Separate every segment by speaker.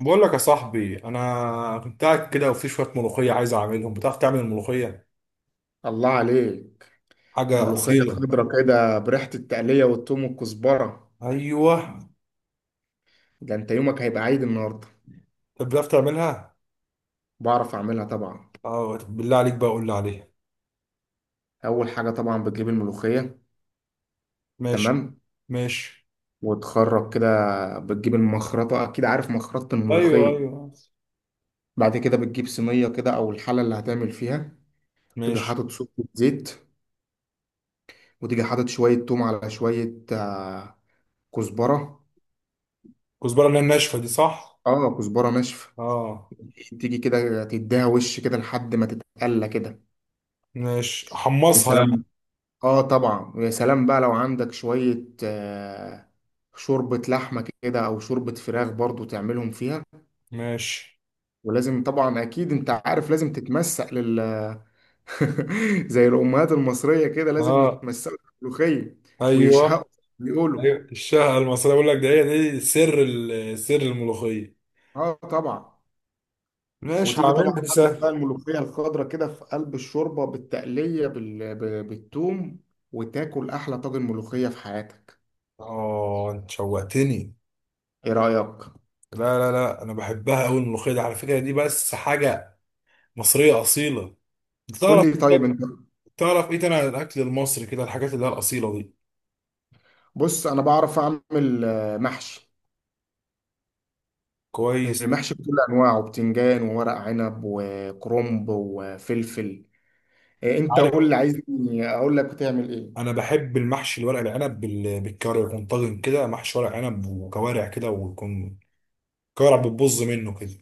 Speaker 1: بقول لك يا صاحبي، انا كنت قاعد كده وفي شويه ملوخيه عايز اعملهم. بتعرف تعمل الملوخيه؟
Speaker 2: الله عليك.
Speaker 1: حاجه
Speaker 2: ملوخية
Speaker 1: اصيله.
Speaker 2: خضرة كده بريحة التقلية والثوم والكزبرة.
Speaker 1: ايوه.
Speaker 2: ده انت يومك هيبقى عيد النهاردة.
Speaker 1: طب بتعرف تعملها؟
Speaker 2: بعرف اعملها طبعا.
Speaker 1: اه، طب بالله عليك بقى قول لي عليها.
Speaker 2: اول حاجة طبعا بتجيب الملوخية.
Speaker 1: ماشي.
Speaker 2: تمام،
Speaker 1: ماشي.
Speaker 2: وتخرج كده. بتجيب المخرطة، اكيد عارف مخرطة
Speaker 1: ايوه
Speaker 2: الملوخية.
Speaker 1: ايوه.
Speaker 2: بعد كده بتجيب صينية كده او الحلة اللي هتعمل فيها. تيجي
Speaker 1: ماشي.
Speaker 2: حاطط سكة زيت، وتيجي حاطط شوية توم على شوية كزبرة.
Speaker 1: كزبره، اللي هي الناشفه دي، صح؟
Speaker 2: اه، كزبرة ناشفة.
Speaker 1: اه.
Speaker 2: تيجي كده تديها وش كده لحد ما تتقلى كده.
Speaker 1: ماشي،
Speaker 2: يا
Speaker 1: حمصها يعني.
Speaker 2: سلام! اه طبعا، ويا سلام بقى لو عندك شوية شوربة لحمة كده او شوربة فراخ برضو تعملهم فيها.
Speaker 1: ماشي.
Speaker 2: ولازم طبعا، اكيد انت عارف، لازم تتمسق زي الامهات المصرية كده لازم
Speaker 1: اه.
Speaker 2: يتمسقوا في الملوخية ويشهقوا،
Speaker 1: ايوه
Speaker 2: بيقولوا.
Speaker 1: ايوه. الشهقه المصريه، بقول لك ده، هي دي سر سر الملوخيه.
Speaker 2: اه طبعا.
Speaker 1: ماشي،
Speaker 2: وتيجي طبعا
Speaker 1: هعملها، دي
Speaker 2: حاطط
Speaker 1: سهل.
Speaker 2: بقى الملوخية الخضراء كده في قلب الشوربة بالتقلية بالثوم، وتاكل احلى طاجن ملوخية في حياتك.
Speaker 1: اه انت شوقتني.
Speaker 2: ايه رأيك؟
Speaker 1: لا، انا بحبها قوي الملوخيه دي، على فكره دي بس حاجه مصريه اصيله. انت
Speaker 2: قول
Speaker 1: تعرف
Speaker 2: لي طيب انت.
Speaker 1: تعرف ايه تاني عن الاكل المصري كده، الحاجات اللي هي الاصيله دي؟
Speaker 2: بص، انا بعرف اعمل محشي.
Speaker 1: كويس.
Speaker 2: محشي بكل انواعه، بتنجان وورق عنب وكرنب وفلفل. انت
Speaker 1: عارف،
Speaker 2: قول لي عايزني اقول لك بتعمل ايه.
Speaker 1: انا بحب المحشي الورق العنب بالكوارع، يكون طاجن كده محشي ورق عنب وكوارع كده، ويكون كوارع بتبظ منه كده.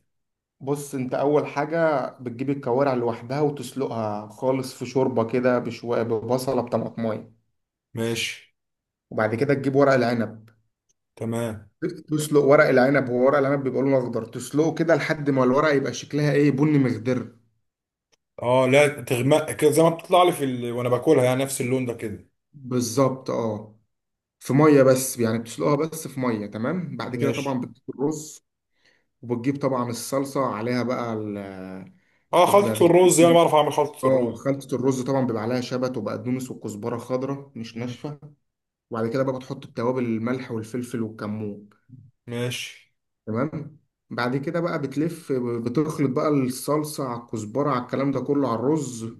Speaker 2: بص، انت اول حاجه بتجيب الكوارع لوحدها وتسلقها خالص في شوربه كده بشويه، ببصله، بطماطمايه.
Speaker 1: ماشي.
Speaker 2: وبعد كده تجيب ورق العنب،
Speaker 1: تمام.
Speaker 2: تسلق ورق العنب. هو ورق العنب بيبقى لونه اخضر، تسلقه كده لحد ما الورق يبقى شكلها ايه، بني مخضر.
Speaker 1: اه، لا تغمق كده زي ما بتطلع لي في وانا باكلها، يعني نفس اللون ده كده.
Speaker 2: بالظبط، اه. في ميه بس يعني، بتسلقها بس في ميه. تمام، بعد كده
Speaker 1: ماشي.
Speaker 2: طبعا بتجيب الرز، وبتجيب طبعا الصلصه عليها بقى ال
Speaker 1: اه،
Speaker 2: وبعد
Speaker 1: خلطه
Speaker 2: كده
Speaker 1: الرز يعني،
Speaker 2: بتجيب-
Speaker 1: بعرف اعمل خلطه
Speaker 2: اه،
Speaker 1: الرز.
Speaker 2: خلطة الرز طبعا بيبقى عليها شبت وبقدونس وكزبرة خضراء مش
Speaker 1: مم.
Speaker 2: ناشفة. وبعد كده بقى بتحط التوابل، الملح والفلفل والكمون.
Speaker 1: ماشي.
Speaker 2: تمام. بعد كده بقى بتلف، بتخلط بقى الصلصة على الكزبرة على الكلام ده كله على الرز،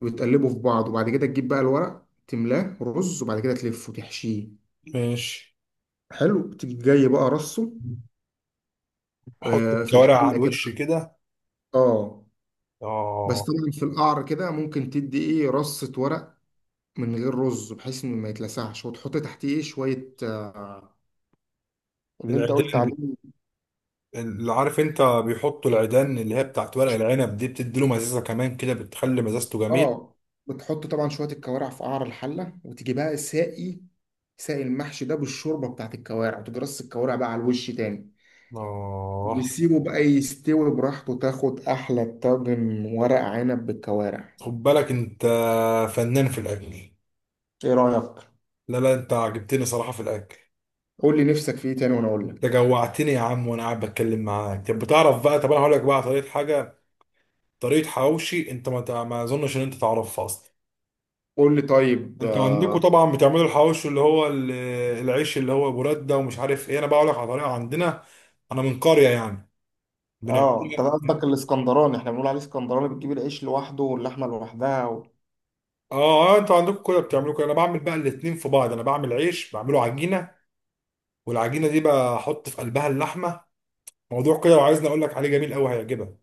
Speaker 2: وتقلبه في بعض. وبعد كده تجيب بقى الورق، تملاه رز، وبعد كده تلفه، تحشيه.
Speaker 1: ماشي،
Speaker 2: حلو. تيجي جاي بقى رصه،
Speaker 1: احط
Speaker 2: في
Speaker 1: الكوارع على
Speaker 2: الحله كده.
Speaker 1: الوش كده.
Speaker 2: اه. بس
Speaker 1: اه.
Speaker 2: طبعا في القعر كده ممكن تدي ايه، رصه ورق من غير رز، بحيث انه ما يتلسعش، وتحط تحتيه ايه شويه اللي انت قلت
Speaker 1: العيدان
Speaker 2: عليه.
Speaker 1: بت- اللي عارف انت بيحطوا العيدان اللي هي بتاعت ورق العنب دي، بتدي له مزازه كمان كده، بتخلي مزازته جميل.
Speaker 2: اه، بتحط طبعا شويه الكوارع في قعر الحله، وتيجي بقى ساقي، ساقي المحشي ده بالشوربه بتاعت الكوارع، وتجي رص الكوارع بقى على الوش تاني.
Speaker 1: اه.
Speaker 2: وسيبه بقى يستوي براحته، تاخد احلى طاجن ورق عنب بالكوارع.
Speaker 1: خد بالك انت فنان في الاكل.
Speaker 2: ايه رايك؟
Speaker 1: لا لا، انت عجبتني صراحه في الاكل.
Speaker 2: قول لي نفسك في ايه تاني وانا اقول
Speaker 1: انت
Speaker 2: لك.
Speaker 1: جوعتني يا عم وانا قاعد بتكلم معاك. طب بتعرف بقى، طب انا هقول لك بقى طريقه حاجه، طريقه حواوشي. انت ما اظنش ان انت تعرفها اصلا.
Speaker 2: قول لي طيب
Speaker 1: انتوا عندكم طبعا بتعملوا الحواوشي، اللي هو العيش اللي هو براد ده ومش عارف ايه. انا بقول لك على طريقه عندنا، انا من قريه يعني،
Speaker 2: اه، انت
Speaker 1: بنعملها.
Speaker 2: قصدك الاسكندراني. احنا بنقول عليه اسكندراني، بتجيب العيش لوحده واللحمه لوحدها.
Speaker 1: اه اه، انتوا عندكم كده بتعملوا كده. انا بعمل بقى الاتنين في بعض، انا بعمل عيش، بعمله عجينه والعجينه دي بحط في قلبها اللحمه. موضوع كده، لو عايزني اقول لك عليه، جميل قوي هيعجبك.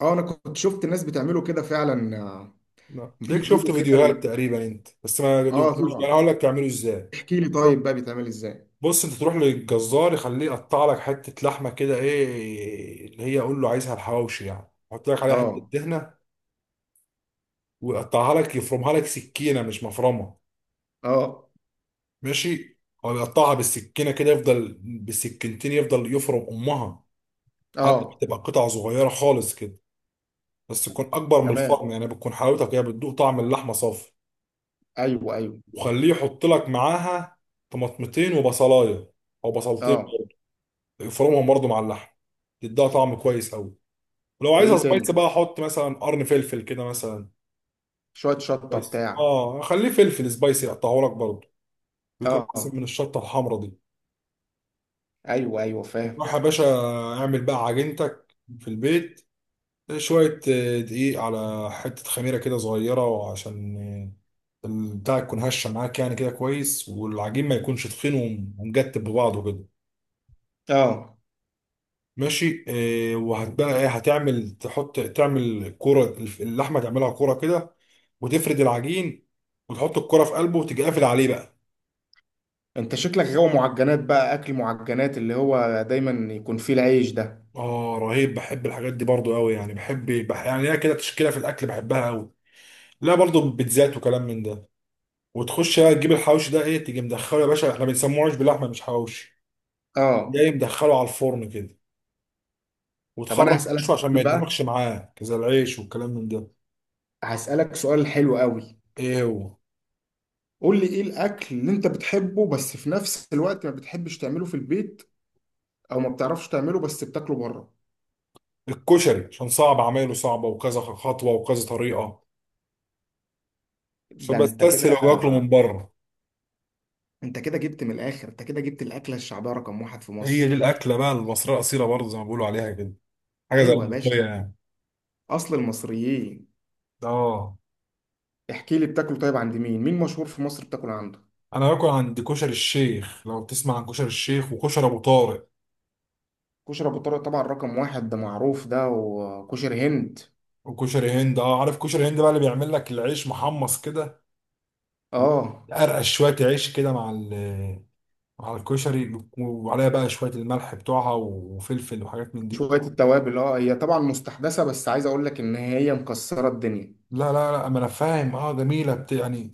Speaker 2: اه، انا كنت شفت الناس بتعمله كده فعلا.
Speaker 1: لا، تلاقيك شفت
Speaker 2: بيجيبوا كده
Speaker 1: فيديوهات تقريبا انت بس ما
Speaker 2: اه
Speaker 1: دوقتوش، يعني
Speaker 2: طبعا.
Speaker 1: هقول لك تعمله ازاي.
Speaker 2: احكي لي طيب بقى بيتعمل ازاي.
Speaker 1: بص، انت تروح للجزار يخليه يقطع لك حته لحمه كده، ايه اللي هي قول له عايزها الحواوشي، يعني حط لك عليها حته
Speaker 2: اه،
Speaker 1: دهنه، ويقطعها لك، يفرمها لك سكينه مش مفرمه.
Speaker 2: اه،
Speaker 1: ماشي. هو بيقطعها بالسكينه كده، يفضل بالسكينتين يفضل يفرم امها، حاجه
Speaker 2: اه.
Speaker 1: بتبقى قطع صغيره خالص كده، بس تكون اكبر من
Speaker 2: تمام.
Speaker 1: الفرم، يعني بتكون حلاوتك هي بتدوق طعم اللحمه صافي.
Speaker 2: ايوه، ايوه.
Speaker 1: وخليه يحط لك معاها طماطمتين وبصلايه او بصلتين،
Speaker 2: اه.
Speaker 1: يفرمهم برضه مع اللحم، تديها طعم كويس قوي. ولو
Speaker 2: وايه
Speaker 1: عايزها
Speaker 2: تاني؟
Speaker 1: سبايسي بقى، حط مثلا قرن فلفل كده مثلا.
Speaker 2: شوية شطة
Speaker 1: كويس،
Speaker 2: بتاع.
Speaker 1: اه، خليه فلفل سبايسي يقطعه لك برضه، بيكون
Speaker 2: اه،
Speaker 1: احسن من الشطه الحمراء دي.
Speaker 2: ايوه ايوه، فاهم.
Speaker 1: روح يا باشا، اعمل بقى عجينتك في البيت. شوية دقيق على حتة خميرة كده صغيرة، وعشان البتاع تكون هشة معاك، يعني كده كويس، والعجين ما يكونش تخين ومجتب ببعضه كده.
Speaker 2: اه،
Speaker 1: ماشي. وهتبقى ايه، هتعمل تحط، تعمل كرة اللحمة، تعملها كرة كده، وتفرد العجين وتحط الكرة في قلبه، وتيجي قافل عليه بقى.
Speaker 2: انت شكلك غاوي معجنات بقى، اكل معجنات اللي هو دايما يكون فيه العيش ده.
Speaker 1: اه رهيب، بحب الحاجات دي برضو قوي. يعني بحب يعني هي كده تشكيلة في الاكل بحبها قوي، لا برضو بيتزات وكلام من ده. وتخش بقى تجيب الحواوشي ده، ايه، تيجي مدخله يا باشا. احنا بنسموه عيش باللحمه مش حواوشي.
Speaker 2: اه،
Speaker 1: جاي مدخله على الفرن كده،
Speaker 2: طب انا
Speaker 1: وتخرج
Speaker 2: هسألك
Speaker 1: وشه عشان ما
Speaker 2: سؤال
Speaker 1: يتنفخش
Speaker 2: بقى.
Speaker 1: معاك زي العيش والكلام من ده.
Speaker 2: هسألك سؤال حلو قوي.
Speaker 1: ايه هو؟
Speaker 2: قول لي، ايه الاكل اللي انت بتحبه بس في نفس الوقت ما بتحبش تعمله في البيت؟ او ما بتعرفش تعمله بس بتاكله بره.
Speaker 1: الكشري، عشان صعب، عمايله صعبه وكذا خطوه وكذا طريقه،
Speaker 2: ده انت كده.
Speaker 1: فبستسهل واكله من بره.
Speaker 2: انت كده جبت من الاخر، انت كده جبت الاكله الشعبيه رقم واحد في
Speaker 1: هي دي
Speaker 2: مصر.
Speaker 1: الاكله بقى المصريه الاصيله، برضه زي ما بيقولوا عليها كده، حاجه زي
Speaker 2: ايوه يا باشا،
Speaker 1: الملوخيه يعني.
Speaker 2: اصل المصريين.
Speaker 1: اه،
Speaker 2: احكي لي، بتاكله طيب عند مين؟ مين مشهور في مصر بتاكل عنده؟
Speaker 1: انا باكل عند كشري الشيخ، لو تسمع عن كشري الشيخ، وكشري ابو طارق
Speaker 2: كشري ابو طارق طبعا رقم واحد، ده معروف ده، وكشري هند.
Speaker 1: وكشري هند. اه، عارف كشري هند بقى، اللي بيعمل لك العيش محمص كده،
Speaker 2: اه.
Speaker 1: ارقش شويه عيش كده مع مع الكشري، وعليها بقى شويه الملح بتوعها وفلفل وحاجات من دي.
Speaker 2: شويه التوابل، اه هي طبعا مستحدثه بس عايز اقول لك ان هي مكسره الدنيا.
Speaker 1: لا، ما انا فاهم، اه جميله يعني.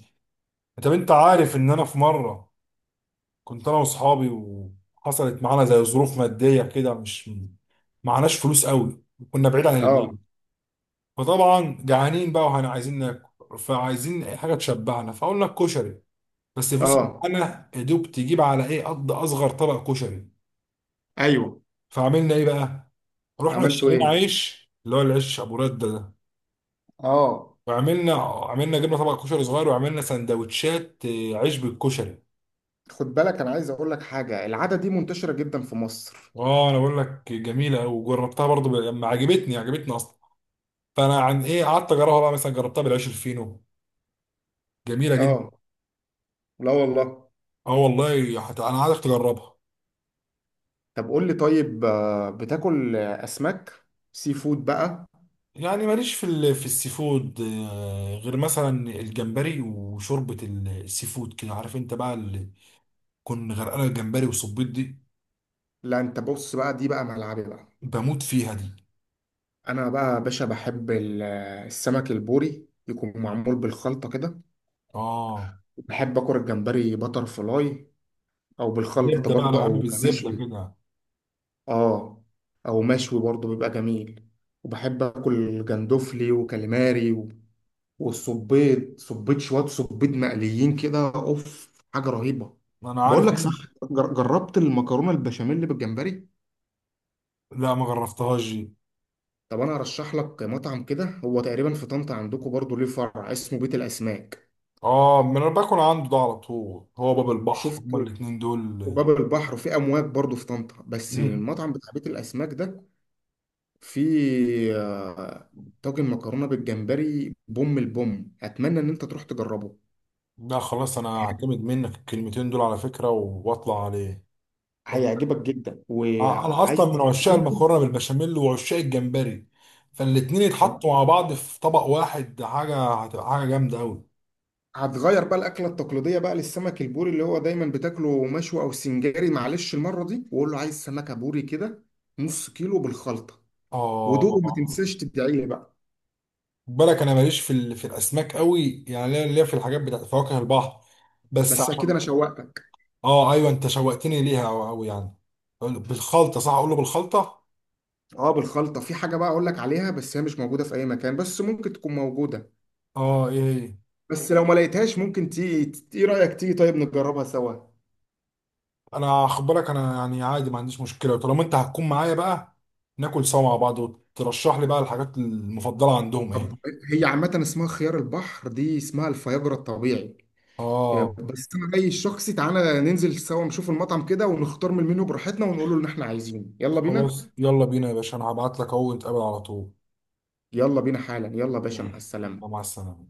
Speaker 1: طب انت عارف ان انا في مره كنت انا واصحابي، وحصلت معانا زي ظروف ماديه كده، مش معناش فلوس قوي، كنا بعيد عن
Speaker 2: اه،
Speaker 1: البيت، فطبعا جعانين بقى وهنا عايزين ناكل، فعايزين أي حاجه تشبعنا، فقلنا الكشري، بس الفلوس اللي
Speaker 2: اه،
Speaker 1: معانا يا دوب تجيب على ايه قد اصغر طبق كشري.
Speaker 2: ايوه.
Speaker 1: فعملنا ايه بقى، رحنا
Speaker 2: عملته
Speaker 1: اشترينا
Speaker 2: ايه؟
Speaker 1: عيش اللي هو العيش ابو رده ده،
Speaker 2: اه.
Speaker 1: وعملنا جبنا طبق كشري صغير، وعملنا سندوتشات عيش بالكشري.
Speaker 2: خد بالك، انا عايز اقول لك حاجه، العاده دي منتشره جدا في مصر.
Speaker 1: اه انا بقول لك جميله قوي، وجربتها برضو لما عجبتني عجبتني اصلا، فانا عن ايه قعدت اجربها بقى، مثلا جربتها بالعيش الفينو، جميله جدا.
Speaker 2: اه. لا والله.
Speaker 1: اه والله، انا عايزك تجربها.
Speaker 2: طب قول لي طيب بتاكل اسماك؟ سي فود بقى.
Speaker 1: يعني ماليش في في السي فود، غير مثلا الجمبري وشوربه السي فود كده، عارف انت بقى اللي كن غرقانه، الجمبري والصبيط دي
Speaker 2: لا، انت بص بقى، دي بقى ملعبي بقى.
Speaker 1: بموت فيها دي.
Speaker 2: انا بقى يا باشا بحب السمك البوري يكون معمول بالخلطه كده.
Speaker 1: اه،
Speaker 2: بحب اكل الجمبري بتر فلاي، او بالخلطه
Speaker 1: زبده بقى، انا
Speaker 2: برضه،
Speaker 1: بحب
Speaker 2: او
Speaker 1: بالزبده
Speaker 2: مشوي.
Speaker 1: كده.
Speaker 2: اه، او مشوي برضه بيبقى جميل. وبحب اكل جندوفلي وكاليماري والصبيط، صبيط، شويه صبيط مقليين كده، اوف، حاجه رهيبه.
Speaker 1: انا
Speaker 2: بقول
Speaker 1: عارف
Speaker 2: لك صح،
Speaker 1: ان،
Speaker 2: جربت المكرونه البشاميل بالجمبري؟
Speaker 1: لا ما جربتهاش دي.
Speaker 2: طب انا ارشح لك مطعم كده، هو تقريبا في طنطا عندكم برضو ليه فرع، اسمه بيت الاسماك.
Speaker 1: اه، ما انا باكل عنده ده على طول، هو باب البحر هما
Speaker 2: شفته
Speaker 1: الاتنين
Speaker 2: في
Speaker 1: دول.
Speaker 2: باب البحر وفي امواج برضو في طنطا. بس
Speaker 1: مم.
Speaker 2: المطعم بتاع بيت الاسماك ده فيه طاجن مكرونه بالجمبري بوم البوم، اتمنى ان انت تروح تجربه.
Speaker 1: لا خلاص، انا هعتمد منك الكلمتين دول على فكره واطلع عليه.
Speaker 2: هيعجبك جدا
Speaker 1: انا
Speaker 2: وعايز
Speaker 1: اصلا من
Speaker 2: تيجي
Speaker 1: عشاق
Speaker 2: جنبه.
Speaker 1: المكرونه بالبشاميل وعشاق الجمبري، فالاتنين يتحطوا مع بعض في طبق واحد، ده حاجه هتبقى حاجه جامده قوي.
Speaker 2: هتغير بقى الاكله التقليديه بقى للسمك البوري اللي هو دايما بتاكله مشوي او سنجاري. معلش المره دي وقول له عايز سمكه بوري كده، نص كيلو بالخلطه. ودوق، ما
Speaker 1: اه،
Speaker 2: تنساش تدعي لي بقى.
Speaker 1: خد بالك انا ماليش في في الاسماك قوي، يعني ليا في الحاجات بتاعت فواكه البحر بس،
Speaker 2: بس اكيد
Speaker 1: عشان.
Speaker 2: انا شوقتك.
Speaker 1: اه ايوه انت شوقتني ليها قوي قوي يعني. بالخلطه، صح؟ اقول له بالخلطه.
Speaker 2: اه بالخلطه. في حاجه بقى اقول لك عليها بس هي مش موجوده في اي مكان، بس ممكن تكون موجوده.
Speaker 1: اه، ايه إيه.
Speaker 2: بس لو ما لقيتهاش ممكن تيجي، ايه رايك تيجي طيب نجربها سوا؟
Speaker 1: انا خد بالك انا يعني عادي، ما عنديش مشكله، وطالما انت هتكون معايا بقى، ناكل سوا مع بعض وترشح لي بقى الحاجات المفضله عندهم ايه.
Speaker 2: طب، هي عامه اسمها خيار البحر، دي اسمها الفياجرا الطبيعي.
Speaker 1: اه
Speaker 2: بس انا رايي الشخصي، تعالى ننزل سوا نشوف المطعم كده ونختار من المنيو براحتنا ونقول له اللي احنا عايزينه. يلا بينا.
Speaker 1: خلاص، يلا بينا يا باشا، انا هبعت لك اهو، نتقابل على طول.
Speaker 2: يلا بينا حالا، يلا يا باشا،
Speaker 1: يلا،
Speaker 2: مع السلامه.
Speaker 1: مع السلامه.